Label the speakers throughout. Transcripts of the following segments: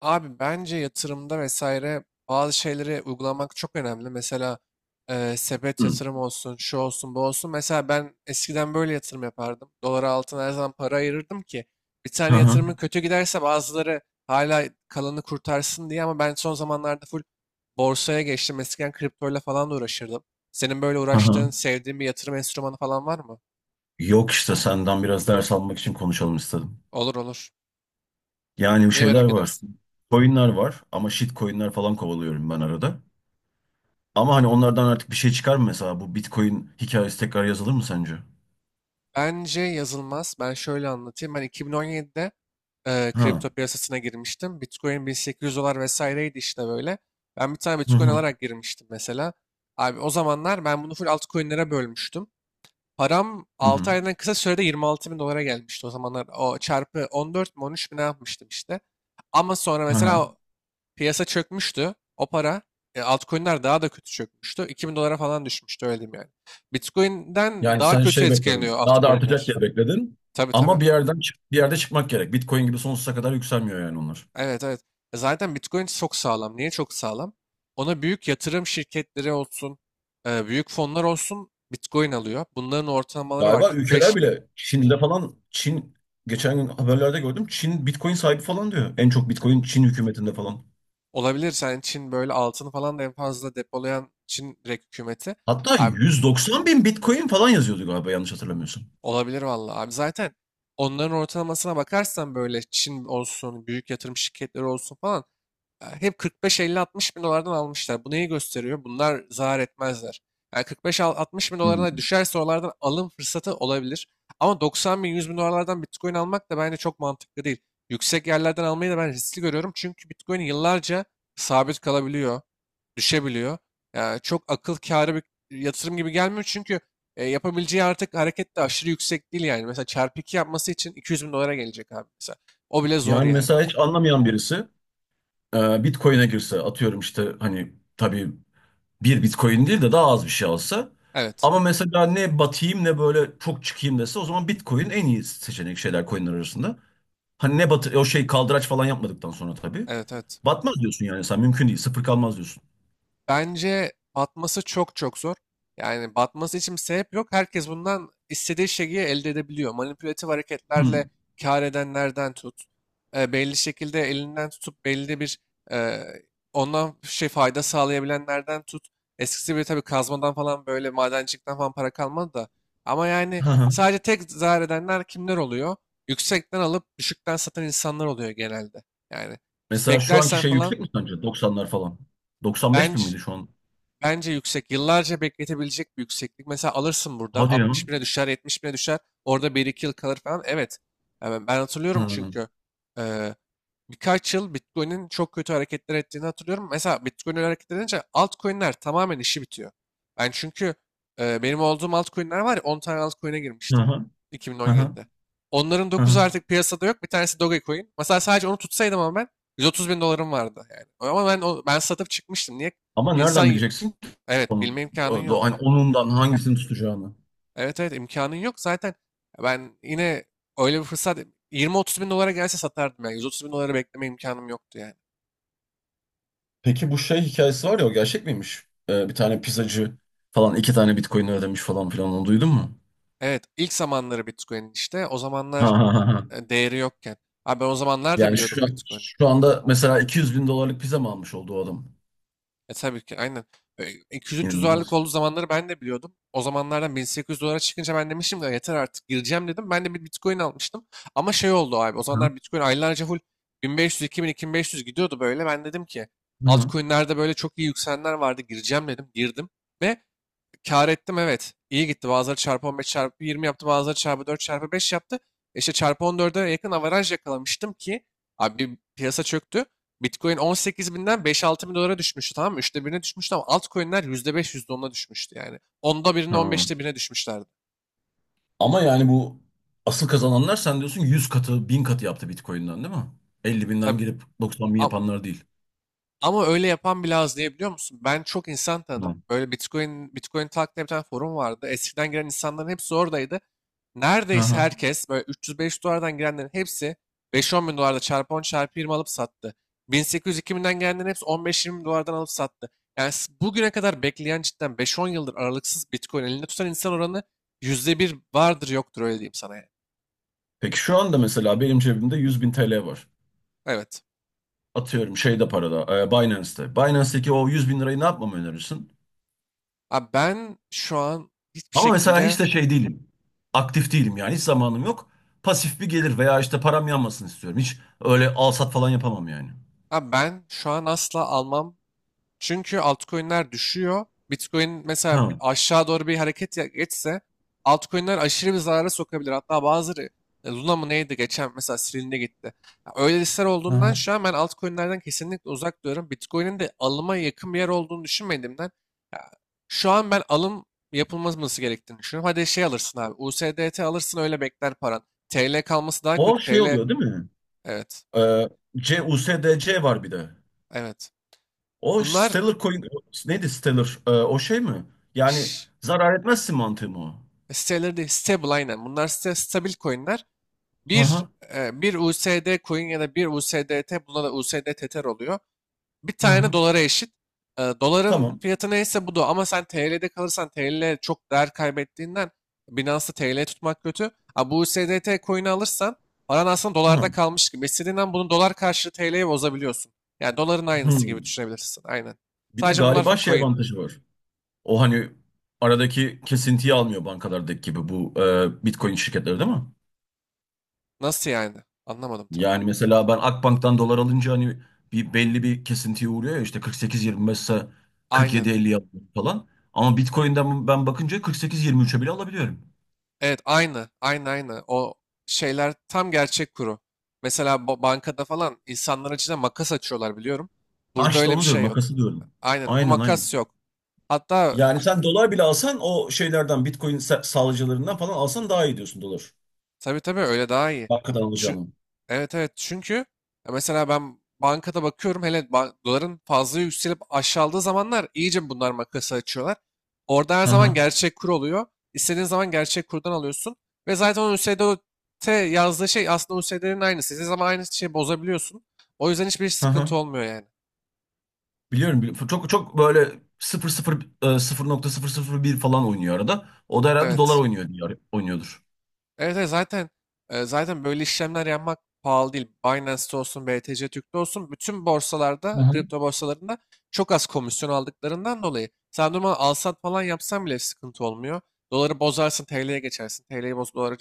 Speaker 1: Abi bence yatırımda vesaire bazı şeyleri uygulamak çok önemli. Mesela sepet
Speaker 2: Hı.
Speaker 1: yatırım olsun, şu olsun, bu olsun. Mesela ben eskiden böyle yatırım yapardım. Dolara altına her zaman para ayırırdım ki bir
Speaker 2: Hı
Speaker 1: tane
Speaker 2: hı.
Speaker 1: yatırımın kötü giderse bazıları hala kalanı kurtarsın diye, ama ben son zamanlarda full borsaya geçtim. Eskiden kriptoyla falan da uğraşırdım. Senin böyle
Speaker 2: Hı
Speaker 1: uğraştığın,
Speaker 2: hı.
Speaker 1: sevdiğin bir yatırım enstrümanı falan var mı?
Speaker 2: Yok işte senden biraz ders almak için konuşalım istedim.
Speaker 1: Olur, olur.
Speaker 2: Yani bir
Speaker 1: Neyi
Speaker 2: şeyler
Speaker 1: merak
Speaker 2: var.
Speaker 1: edersin?
Speaker 2: Coin'ler var ama shit coin'ler falan kovalıyorum ben arada. Ama hani onlardan artık bir şey çıkar mı mesela? Bu Bitcoin hikayesi tekrar yazılır mı sence?
Speaker 1: Bence yazılmaz. Ben şöyle anlatayım. Ben 2017'de
Speaker 2: Ha.
Speaker 1: kripto piyasasına girmiştim. Bitcoin 1800 dolar vesaireydi, işte böyle. Ben bir tane
Speaker 2: Hı
Speaker 1: Bitcoin
Speaker 2: hı.
Speaker 1: alarak girmiştim mesela. Abi o zamanlar ben bunu full altcoin'lere bölmüştüm. Param
Speaker 2: Hı hı.
Speaker 1: 6 aydan kısa sürede 26 bin dolara gelmişti. O zamanlar o çarpı 14 mi 13 mi ne yapmıştım işte. Ama sonra
Speaker 2: Hı
Speaker 1: mesela
Speaker 2: hı.
Speaker 1: o piyasa çökmüştü. O para, altcoin'ler daha da kötü çökmüştü. 2000 dolara falan düşmüştü, öyle diyeyim yani. Bitcoin'den
Speaker 2: Yani
Speaker 1: daha
Speaker 2: sen
Speaker 1: kötü
Speaker 2: şey
Speaker 1: etkileniyor
Speaker 2: bekledin. Daha da artacak
Speaker 1: altcoin'ler.
Speaker 2: diye bekledin.
Speaker 1: Tabii
Speaker 2: Ama
Speaker 1: tabii.
Speaker 2: bir yerden bir yerde çıkmak gerek. Bitcoin gibi sonsuza kadar yükselmiyor yani onlar.
Speaker 1: Evet evet. Zaten Bitcoin çok sağlam. Niye çok sağlam? Ona büyük yatırım şirketleri olsun, büyük fonlar olsun, Bitcoin alıyor. Bunların ortalamaları var,
Speaker 2: Galiba ülkeler
Speaker 1: 45 bin.
Speaker 2: bile Çin'de falan Çin geçen gün haberlerde gördüm. Çin Bitcoin sahibi falan diyor. En çok Bitcoin Çin hükümetinde falan.
Speaker 1: Olabilir, sen Çin böyle altını falan da en fazla depolayan Çin direkt hükümeti.
Speaker 2: Hatta
Speaker 1: Abi
Speaker 2: 190 bin Bitcoin falan yazıyordu galiba yanlış hatırlamıyorsun.
Speaker 1: olabilir vallahi. Abi zaten onların ortalamasına bakarsan böyle, Çin olsun, büyük yatırım şirketleri olsun falan, hep 45-50-60 bin dolardan almışlar. Bu neyi gösteriyor? Bunlar zarar etmezler. Yani 45-60 bin dolarına
Speaker 2: Hmm.
Speaker 1: düşerse oralardan alım fırsatı olabilir. Ama 90 bin 100 bin dolarlardan Bitcoin almak da bence çok mantıklı değil. Yüksek yerlerden almayı da ben riskli görüyorum. Çünkü Bitcoin yıllarca sabit kalabiliyor, düşebiliyor. Ya çok akıl kârı bir yatırım gibi gelmiyor, çünkü yapabileceği artık hareket de aşırı yüksek değil yani. Mesela çarpı 2 yapması için 200 bin dolara gelecek abi mesela. O bile zor
Speaker 2: Yani
Speaker 1: yani.
Speaker 2: mesela hiç anlamayan birisi Bitcoin'e girse atıyorum işte hani tabii bir Bitcoin değil de daha az bir şey alsa
Speaker 1: Evet.
Speaker 2: ama mesela ne batayım ne böyle çok çıkayım dese o zaman Bitcoin en iyi seçenek şeyler coinler arasında. Hani ne batı o şey kaldıraç falan yapmadıktan sonra tabii.
Speaker 1: Evet evet.
Speaker 2: Batmaz diyorsun yani sen mümkün değil. Sıfır kalmaz diyorsun.
Speaker 1: Bence batması çok çok zor. Yani batması için bir sebep yok. Herkes bundan istediği şeyi elde edebiliyor. Manipülatif
Speaker 2: Hmm.
Speaker 1: hareketlerle kâr edenlerden tut, belli şekilde elinden tutup belli bir e, ondan şey fayda sağlayabilenlerden tut. Eskisi gibi tabii kazmadan falan, böyle madencilikten falan para kalmadı da. Ama yani
Speaker 2: Hı hı.
Speaker 1: sadece tek zarar edenler kimler oluyor? Yüksekten alıp düşükten satan insanlar oluyor genelde. Yani
Speaker 2: Mesela şu anki
Speaker 1: beklersen
Speaker 2: şey
Speaker 1: falan
Speaker 2: yüksek mi sence? Doksanlar falan. 95 bin
Speaker 1: bence
Speaker 2: miydi şu an?
Speaker 1: Bence yüksek. Yıllarca bekletebilecek bir yükseklik. Mesela alırsın, buradan
Speaker 2: Hadi ya.
Speaker 1: 60 bine düşer, 70 bine düşer. Orada bir iki yıl kalır falan. Evet. Yani ben
Speaker 2: Hı
Speaker 1: hatırlıyorum,
Speaker 2: hı.
Speaker 1: çünkü eee, birkaç yıl Bitcoin'in çok kötü hareketler ettiğini hatırlıyorum. Mesela Bitcoin öyle hareket edince altcoin'ler tamamen işi bitiyor. Ben çünkü benim olduğum altcoin'ler var ya, 10 tane altcoin'e
Speaker 2: Hı
Speaker 1: girmiştim
Speaker 2: hı. Hı
Speaker 1: 2017'de. Onların 9'u
Speaker 2: hı.
Speaker 1: artık piyasada yok. Bir tanesi Dogecoin. Mesela sadece onu tutsaydım, ama ben 130 bin dolarım vardı yani. Ama ben satıp çıkmıştım. Niye?
Speaker 2: Ama nereden
Speaker 1: İnsan.
Speaker 2: bileceksin ki
Speaker 1: Evet,
Speaker 2: onun?
Speaker 1: bilme imkanın yok.
Speaker 2: Hani onundan hangisini tutacağını.
Speaker 1: Evet evet, imkanın yok. Zaten ben yine öyle bir fırsat 20-30 bin dolara gelse satardım yani. 130 bin dolara bekleme imkanım yoktu yani.
Speaker 2: Peki bu şey hikayesi var ya o gerçek miymiş? Bir tane pizzacı falan iki tane Bitcoin ödemiş falan filan onu duydun mu?
Speaker 1: Evet, ilk zamanları Bitcoin, işte o
Speaker 2: Ha
Speaker 1: zamanlar
Speaker 2: ha ha. Ha.
Speaker 1: değeri yokken. Abi ben o zamanlar da
Speaker 2: Yani
Speaker 1: biliyordum
Speaker 2: şu,
Speaker 1: Bitcoin'i.
Speaker 2: şu anda mesela 200 bin dolarlık pizza mı almış oldu o adam?
Speaker 1: E tabii ki, aynen. E, 200-300 dolarlık
Speaker 2: İnanılmaz.
Speaker 1: olduğu zamanları ben de biliyordum. O zamanlardan 1800 dolara çıkınca ben demiştim ki, "Ya yeter artık, gireceğim," dedim. Ben de bir Bitcoin almıştım. Ama şey oldu abi, o
Speaker 2: Hı hı.
Speaker 1: zamanlar Bitcoin aylarca full 1500, 2000, 2500 gidiyordu böyle. Ben dedim ki
Speaker 2: Hı.
Speaker 1: altcoin'lerde böyle çok iyi yükselenler vardı, gireceğim dedim. Girdim ve kâr ettim, evet. İyi gitti. Bazıları çarpı 15 çarpı 20 yaptı. Bazıları çarpı 4 çarpı 5 yaptı. İşte çarpı 14'e yakın avaraj yakalamıştım ki abi, piyasa çöktü. Bitcoin 18 binden 5-6 bin dolara düşmüştü, tamam mı? Üçte birine düşmüştü ama altcoin'ler yüzde %10'a düşmüştü yani. Onda birine, on
Speaker 2: Ha.
Speaker 1: beşte birine düşmüşlerdi.
Speaker 2: Ama yani bu asıl kazananlar sen diyorsun 100 katı, 1000 katı yaptı Bitcoin'den değil mi? 50 binden
Speaker 1: Tabii.
Speaker 2: girip 90 bin yapanlar değil.
Speaker 1: Ama öyle yapan bile az, diye biliyor musun? Ben çok insan tanıdım.
Speaker 2: Hı.
Speaker 1: Böyle Bitcoin, Bitcoin Talk diye bir tane forum vardı. Eskiden giren insanların hepsi oradaydı.
Speaker 2: Hı
Speaker 1: Neredeyse
Speaker 2: hı.
Speaker 1: herkes, böyle 300-500 dolardan girenlerin hepsi 5-10 bin dolarda çarpı 10 çarpı 20 alıp sattı. 1800-2000'den gelenlerin hepsi 15-20 dolardan alıp sattı. Yani bugüne kadar bekleyen, cidden 5-10 yıldır aralıksız Bitcoin elinde tutan insan oranı yüzde bir vardır yoktur, öyle diyeyim sana yani.
Speaker 2: Peki şu anda mesela benim cebimde 100 bin TL var.
Speaker 1: Evet.
Speaker 2: Atıyorum şeyde parada, Binance'te. Binance'teki o 100 bin lirayı ne yapmamı önerirsin?
Speaker 1: Abi ben şu an hiçbir
Speaker 2: Ama mesela
Speaker 1: şekilde
Speaker 2: hiç de şey değilim. Aktif değilim yani hiç zamanım yok. Pasif bir gelir veya işte param yanmasın istiyorum. Hiç öyle al sat falan yapamam yani.
Speaker 1: abi ben şu an asla almam. Çünkü altcoin'ler düşüyor. Bitcoin mesela
Speaker 2: Ha.
Speaker 1: aşağı doğru bir hareket geçse altcoin'ler aşırı bir zarara sokabilir. Hatta bazıları, Luna mı neydi geçen mesela, silindi gitti. Ya öyle listeler olduğundan
Speaker 2: Hı.
Speaker 1: şu an ben altcoin'lerden kesinlikle uzak duruyorum. Bitcoin'in de alıma yakın bir yer olduğunu düşünmediğimden ya, şu an ben alım yapılması gerektiğini düşünüyorum. Hadi şey alırsın abi, USDT alırsın, öyle bekler paran. TL kalması daha
Speaker 2: O
Speaker 1: kötü.
Speaker 2: şey
Speaker 1: TL,
Speaker 2: oluyor değil mi?
Speaker 1: evet.
Speaker 2: Ee, USDC var bir de.
Speaker 1: Evet.
Speaker 2: O
Speaker 1: Bunlar,
Speaker 2: Stellar Coin neydi Stellar? O şey mi? Yani zarar etmezsin mantığı mı o?
Speaker 1: Siteleri değil, stable, aynen. Bunlar site, stabil coinler. Bir,
Speaker 2: Aha,
Speaker 1: Bir USD coin ya da bir USDT, buna da USD Tether oluyor. Bir tane
Speaker 2: aha,
Speaker 1: dolara eşit. E, doların
Speaker 2: tamam.
Speaker 1: fiyatı neyse bu da. Ama sen TL'de kalırsan, TL çok değer kaybettiğinden Binance'da TL tutmak kötü. Ha, bu USDT coin'i alırsan paran aslında
Speaker 2: Ha,
Speaker 1: dolarda kalmış gibi. İstediğinden bunu dolar karşılığı TL'ye bozabiliyorsun. Yani doların aynısı gibi
Speaker 2: hmm.
Speaker 1: düşünebilirsin. Aynen.
Speaker 2: Bir de
Speaker 1: Sadece bunlar
Speaker 2: galiba şey
Speaker 1: coin.
Speaker 2: avantajı var. O hani aradaki kesintiyi almıyor bankalardaki gibi bu Bitcoin şirketleri değil mi?
Speaker 1: Nasıl yani? Anlamadım tam.
Speaker 2: Yani mesela ben Akbank'tan dolar alınca hani bir belli bir kesintiye uğruyor ya işte 48,25 ise
Speaker 1: Aynen.
Speaker 2: 47,50 yapıyor falan. Ama Bitcoin'den ben bakınca 48,23'e bile alabiliyorum.
Speaker 1: Evet, aynı. Aynı aynı. O şeyler tam gerçek kuru. Mesela bankada falan insanların içine makas açıyorlar, biliyorum.
Speaker 2: Ha
Speaker 1: Burada
Speaker 2: işte
Speaker 1: öyle bir
Speaker 2: onu diyorum
Speaker 1: şey yok.
Speaker 2: makası diyorum.
Speaker 1: Aynen, bu
Speaker 2: Aynen aynen.
Speaker 1: makas yok. Hatta.
Speaker 2: Yani sen dolar bile alsan o şeylerden Bitcoin sağlayıcılarından falan alsan daha iyi diyorsun dolar.
Speaker 1: Tabii tabii, öyle daha iyi.
Speaker 2: Hakikaten
Speaker 1: Çün-
Speaker 2: alacağını.
Speaker 1: evet evet, çünkü ya mesela ben bankada bakıyorum, hele doların fazla yükselip aşağıladığı zamanlar iyice bunlar makası açıyorlar. Orada her
Speaker 2: Hı
Speaker 1: zaman
Speaker 2: hı.
Speaker 1: gerçek kur oluyor. İstediğin zaman gerçek kurdan alıyorsun. Ve zaten o U S D O t yazdığı şey aslında USDT'nin aynısı. İstediğin zaman aynı şeyi bozabiliyorsun. O yüzden hiçbir
Speaker 2: Hı
Speaker 1: sıkıntı
Speaker 2: hı.
Speaker 1: olmuyor yani.
Speaker 2: Biliyorum, biliyorum. Çok çok böyle sıfır sıfır 0,001 falan oynuyor arada. O da herhalde dolar
Speaker 1: Evet.
Speaker 2: oynuyor diye oynuyordur.
Speaker 1: Evet, evet, zaten zaten böyle işlemler yapmak pahalı değil. Binance'te olsun, BTC Türk'te olsun, bütün
Speaker 2: Hı
Speaker 1: borsalarda,
Speaker 2: hı.
Speaker 1: kripto borsalarında çok az komisyon aldıklarından dolayı sen normal alsat falan yapsan bile sıkıntı olmuyor. Doları bozarsın, TL'ye geçersin. TL'yi boz, doları.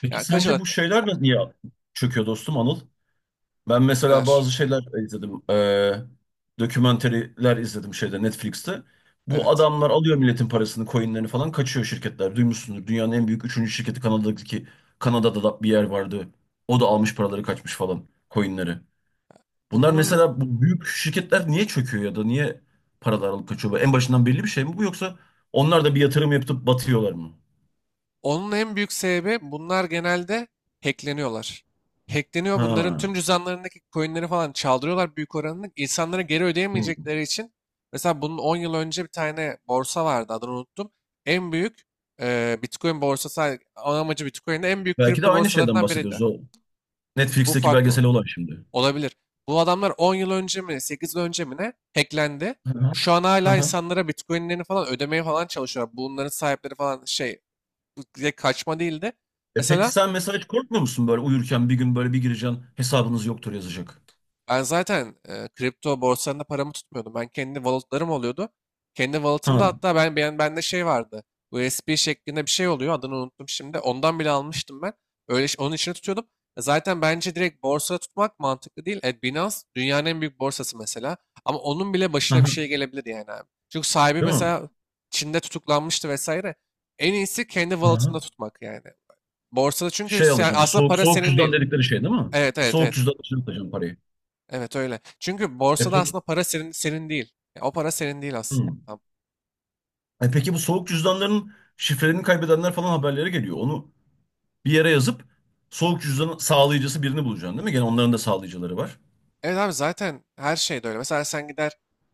Speaker 2: Peki
Speaker 1: Ya kaç
Speaker 2: sence
Speaker 1: alır?
Speaker 2: bu şeyler niye çöküyor dostum Anıl? Ben mesela bazı şeyler izledim. Dokümenteriler izledim şeyde Netflix'te. Bu
Speaker 1: Evet.
Speaker 2: adamlar alıyor milletin parasını, coinlerini falan kaçıyor şirketler. Duymuşsundur. Dünyanın en büyük üçüncü şirketi Kanada'daki Kanada'da da bir yer vardı. O da almış paraları kaçmış falan coinleri. Bunlar
Speaker 1: Bunun
Speaker 2: mesela bu büyük şirketler niye çöküyor ya da niye paralar alıp kaçıyor? Bu en başından belli bir şey mi bu yoksa onlar da bir yatırım yapıp batıyorlar mı?
Speaker 1: Onun en büyük sebebi, bunlar genelde hackleniyorlar. Hackleniyor, bunların
Speaker 2: Ha.
Speaker 1: tüm cüzdanlarındaki coinleri falan çaldırıyorlar büyük oranını. İnsanlara geri
Speaker 2: Hı.
Speaker 1: ödeyemeyecekleri için, mesela bunun 10 yıl önce bir tane borsa vardı, adını unuttum. En büyük Bitcoin borsası, ana amacı Bitcoin'de, en büyük
Speaker 2: Belki de
Speaker 1: kripto
Speaker 2: aynı şeyden
Speaker 1: borsalarından biriydi.
Speaker 2: bahsediyoruz o
Speaker 1: Bu
Speaker 2: Netflix'teki
Speaker 1: farklı
Speaker 2: belgesel olan şimdi.
Speaker 1: olabilir. Bu adamlar 10 yıl önce mi 8 yıl önce mi ne hacklendi.
Speaker 2: Hı hı.
Speaker 1: Şu an
Speaker 2: Hı
Speaker 1: hala
Speaker 2: hı.
Speaker 1: insanlara Bitcoin'lerini falan ödemeye falan çalışıyorlar. Bunların sahipleri falan şey, direkt kaçma değil de,
Speaker 2: E peki
Speaker 1: mesela
Speaker 2: sen mesela hiç korkmuyor musun böyle uyurken bir gün böyle bir gireceksin hesabınız yoktur yazacak.
Speaker 1: ben zaten kripto borsalarında paramı tutmuyordum. Ben kendi walletlarım oluyordu. Kendi walletımda,
Speaker 2: Ha.
Speaker 1: hatta ben bende şey vardı. USB şeklinde bir şey oluyor. Adını unuttum şimdi. Ondan bile almıştım ben. Onun içine tutuyordum. E, zaten bence direkt borsada tutmak mantıklı değil. E, Binance dünyanın en büyük borsası mesela. Ama onun bile başına bir
Speaker 2: Aha.
Speaker 1: şey gelebilir yani abi. Çünkü sahibi
Speaker 2: Değil mi?
Speaker 1: mesela Çin'de tutuklanmıştı vesaire. En iyisi kendi
Speaker 2: Aha.
Speaker 1: wallet'ında tutmak yani. Borsada çünkü
Speaker 2: Şey
Speaker 1: sen,
Speaker 2: alacaksın.
Speaker 1: aslında
Speaker 2: Soğuk
Speaker 1: para
Speaker 2: soğuk
Speaker 1: senin
Speaker 2: cüzdan
Speaker 1: değil.
Speaker 2: dedikleri şey değil mi?
Speaker 1: Evet evet
Speaker 2: Soğuk
Speaker 1: evet.
Speaker 2: cüzdan için atacaksın parayı.
Speaker 1: Evet, öyle. Çünkü
Speaker 2: E
Speaker 1: borsada
Speaker 2: peki.
Speaker 1: aslında para senin, senin değil. Ya, o para senin değil aslında.
Speaker 2: Hı. E peki bu soğuk cüzdanların şifrelerini kaybedenler falan haberlere geliyor. Onu bir yere yazıp soğuk cüzdanın sağlayıcısı birini bulacaksın değil mi? Gene onların da sağlayıcıları var.
Speaker 1: Evet abi, zaten her şey de öyle. Mesela sen gider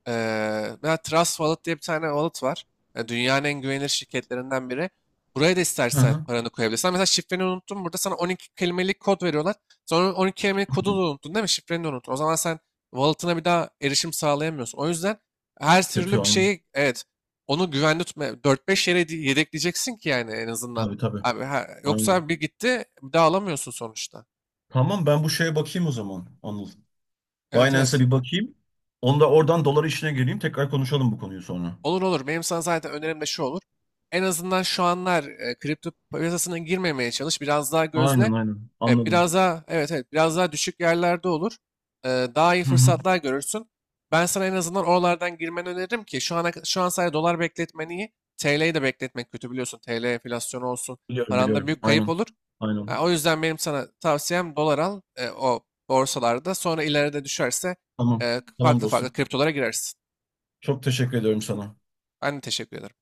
Speaker 1: eee mesela Trust Wallet diye bir tane wallet var. E, dünyanın en güvenilir şirketlerinden biri. Buraya da istersen
Speaker 2: Aha.
Speaker 1: paranı koyabilirsin. Ama mesela şifreni unuttun, burada sana 12 kelimelik kod veriyorlar. Sonra 12 kelimelik kodu da unuttun, değil mi? Şifreni de unuttun. O zaman sen wallet'ına bir daha erişim sağlayamıyorsun. O yüzden her
Speaker 2: Kötü
Speaker 1: türlü bir
Speaker 2: aynen.
Speaker 1: şeyi, evet, onu güvende tutma. 4-5 yere yedekleyeceksin ki yani, en azından.
Speaker 2: Tabii tabii.
Speaker 1: Abi,
Speaker 2: Aynen.
Speaker 1: yoksa bir gitti bir daha alamıyorsun sonuçta.
Speaker 2: Tamam ben bu şeye bakayım o zaman Anıl.
Speaker 1: Evet
Speaker 2: Binance'a
Speaker 1: evet.
Speaker 2: bir bakayım. Onda oradan dolar işine geleyim. Tekrar konuşalım bu konuyu sonra.
Speaker 1: Olur olur. Benim sana zaten önerim de şu olur. En azından şu anlar kripto piyasasına girmemeye çalış. Biraz daha gözle.
Speaker 2: Aynen aynen.
Speaker 1: E,
Speaker 2: Anladım.
Speaker 1: biraz daha, evet evet, biraz daha düşük yerlerde olur. E, daha iyi
Speaker 2: Hı hı.
Speaker 1: fırsatlar görürsün. Ben sana en azından oralardan girmeni öneririm ki şu ana, şu an sadece dolar bekletmen iyi. TL'yi de bekletmek kötü, biliyorsun. TL enflasyonu olsun,
Speaker 2: Biliyorum
Speaker 1: paranda
Speaker 2: biliyorum.
Speaker 1: büyük kayıp
Speaker 2: Aynen.
Speaker 1: olur.
Speaker 2: Aynen.
Speaker 1: Ha, o yüzden benim sana tavsiyem dolar al o borsalarda. Sonra ileride düşerse
Speaker 2: Tamam. Tamam
Speaker 1: farklı farklı
Speaker 2: dostum.
Speaker 1: kriptolara girersin.
Speaker 2: Çok teşekkür ediyorum sana.
Speaker 1: Ben de teşekkür ederim.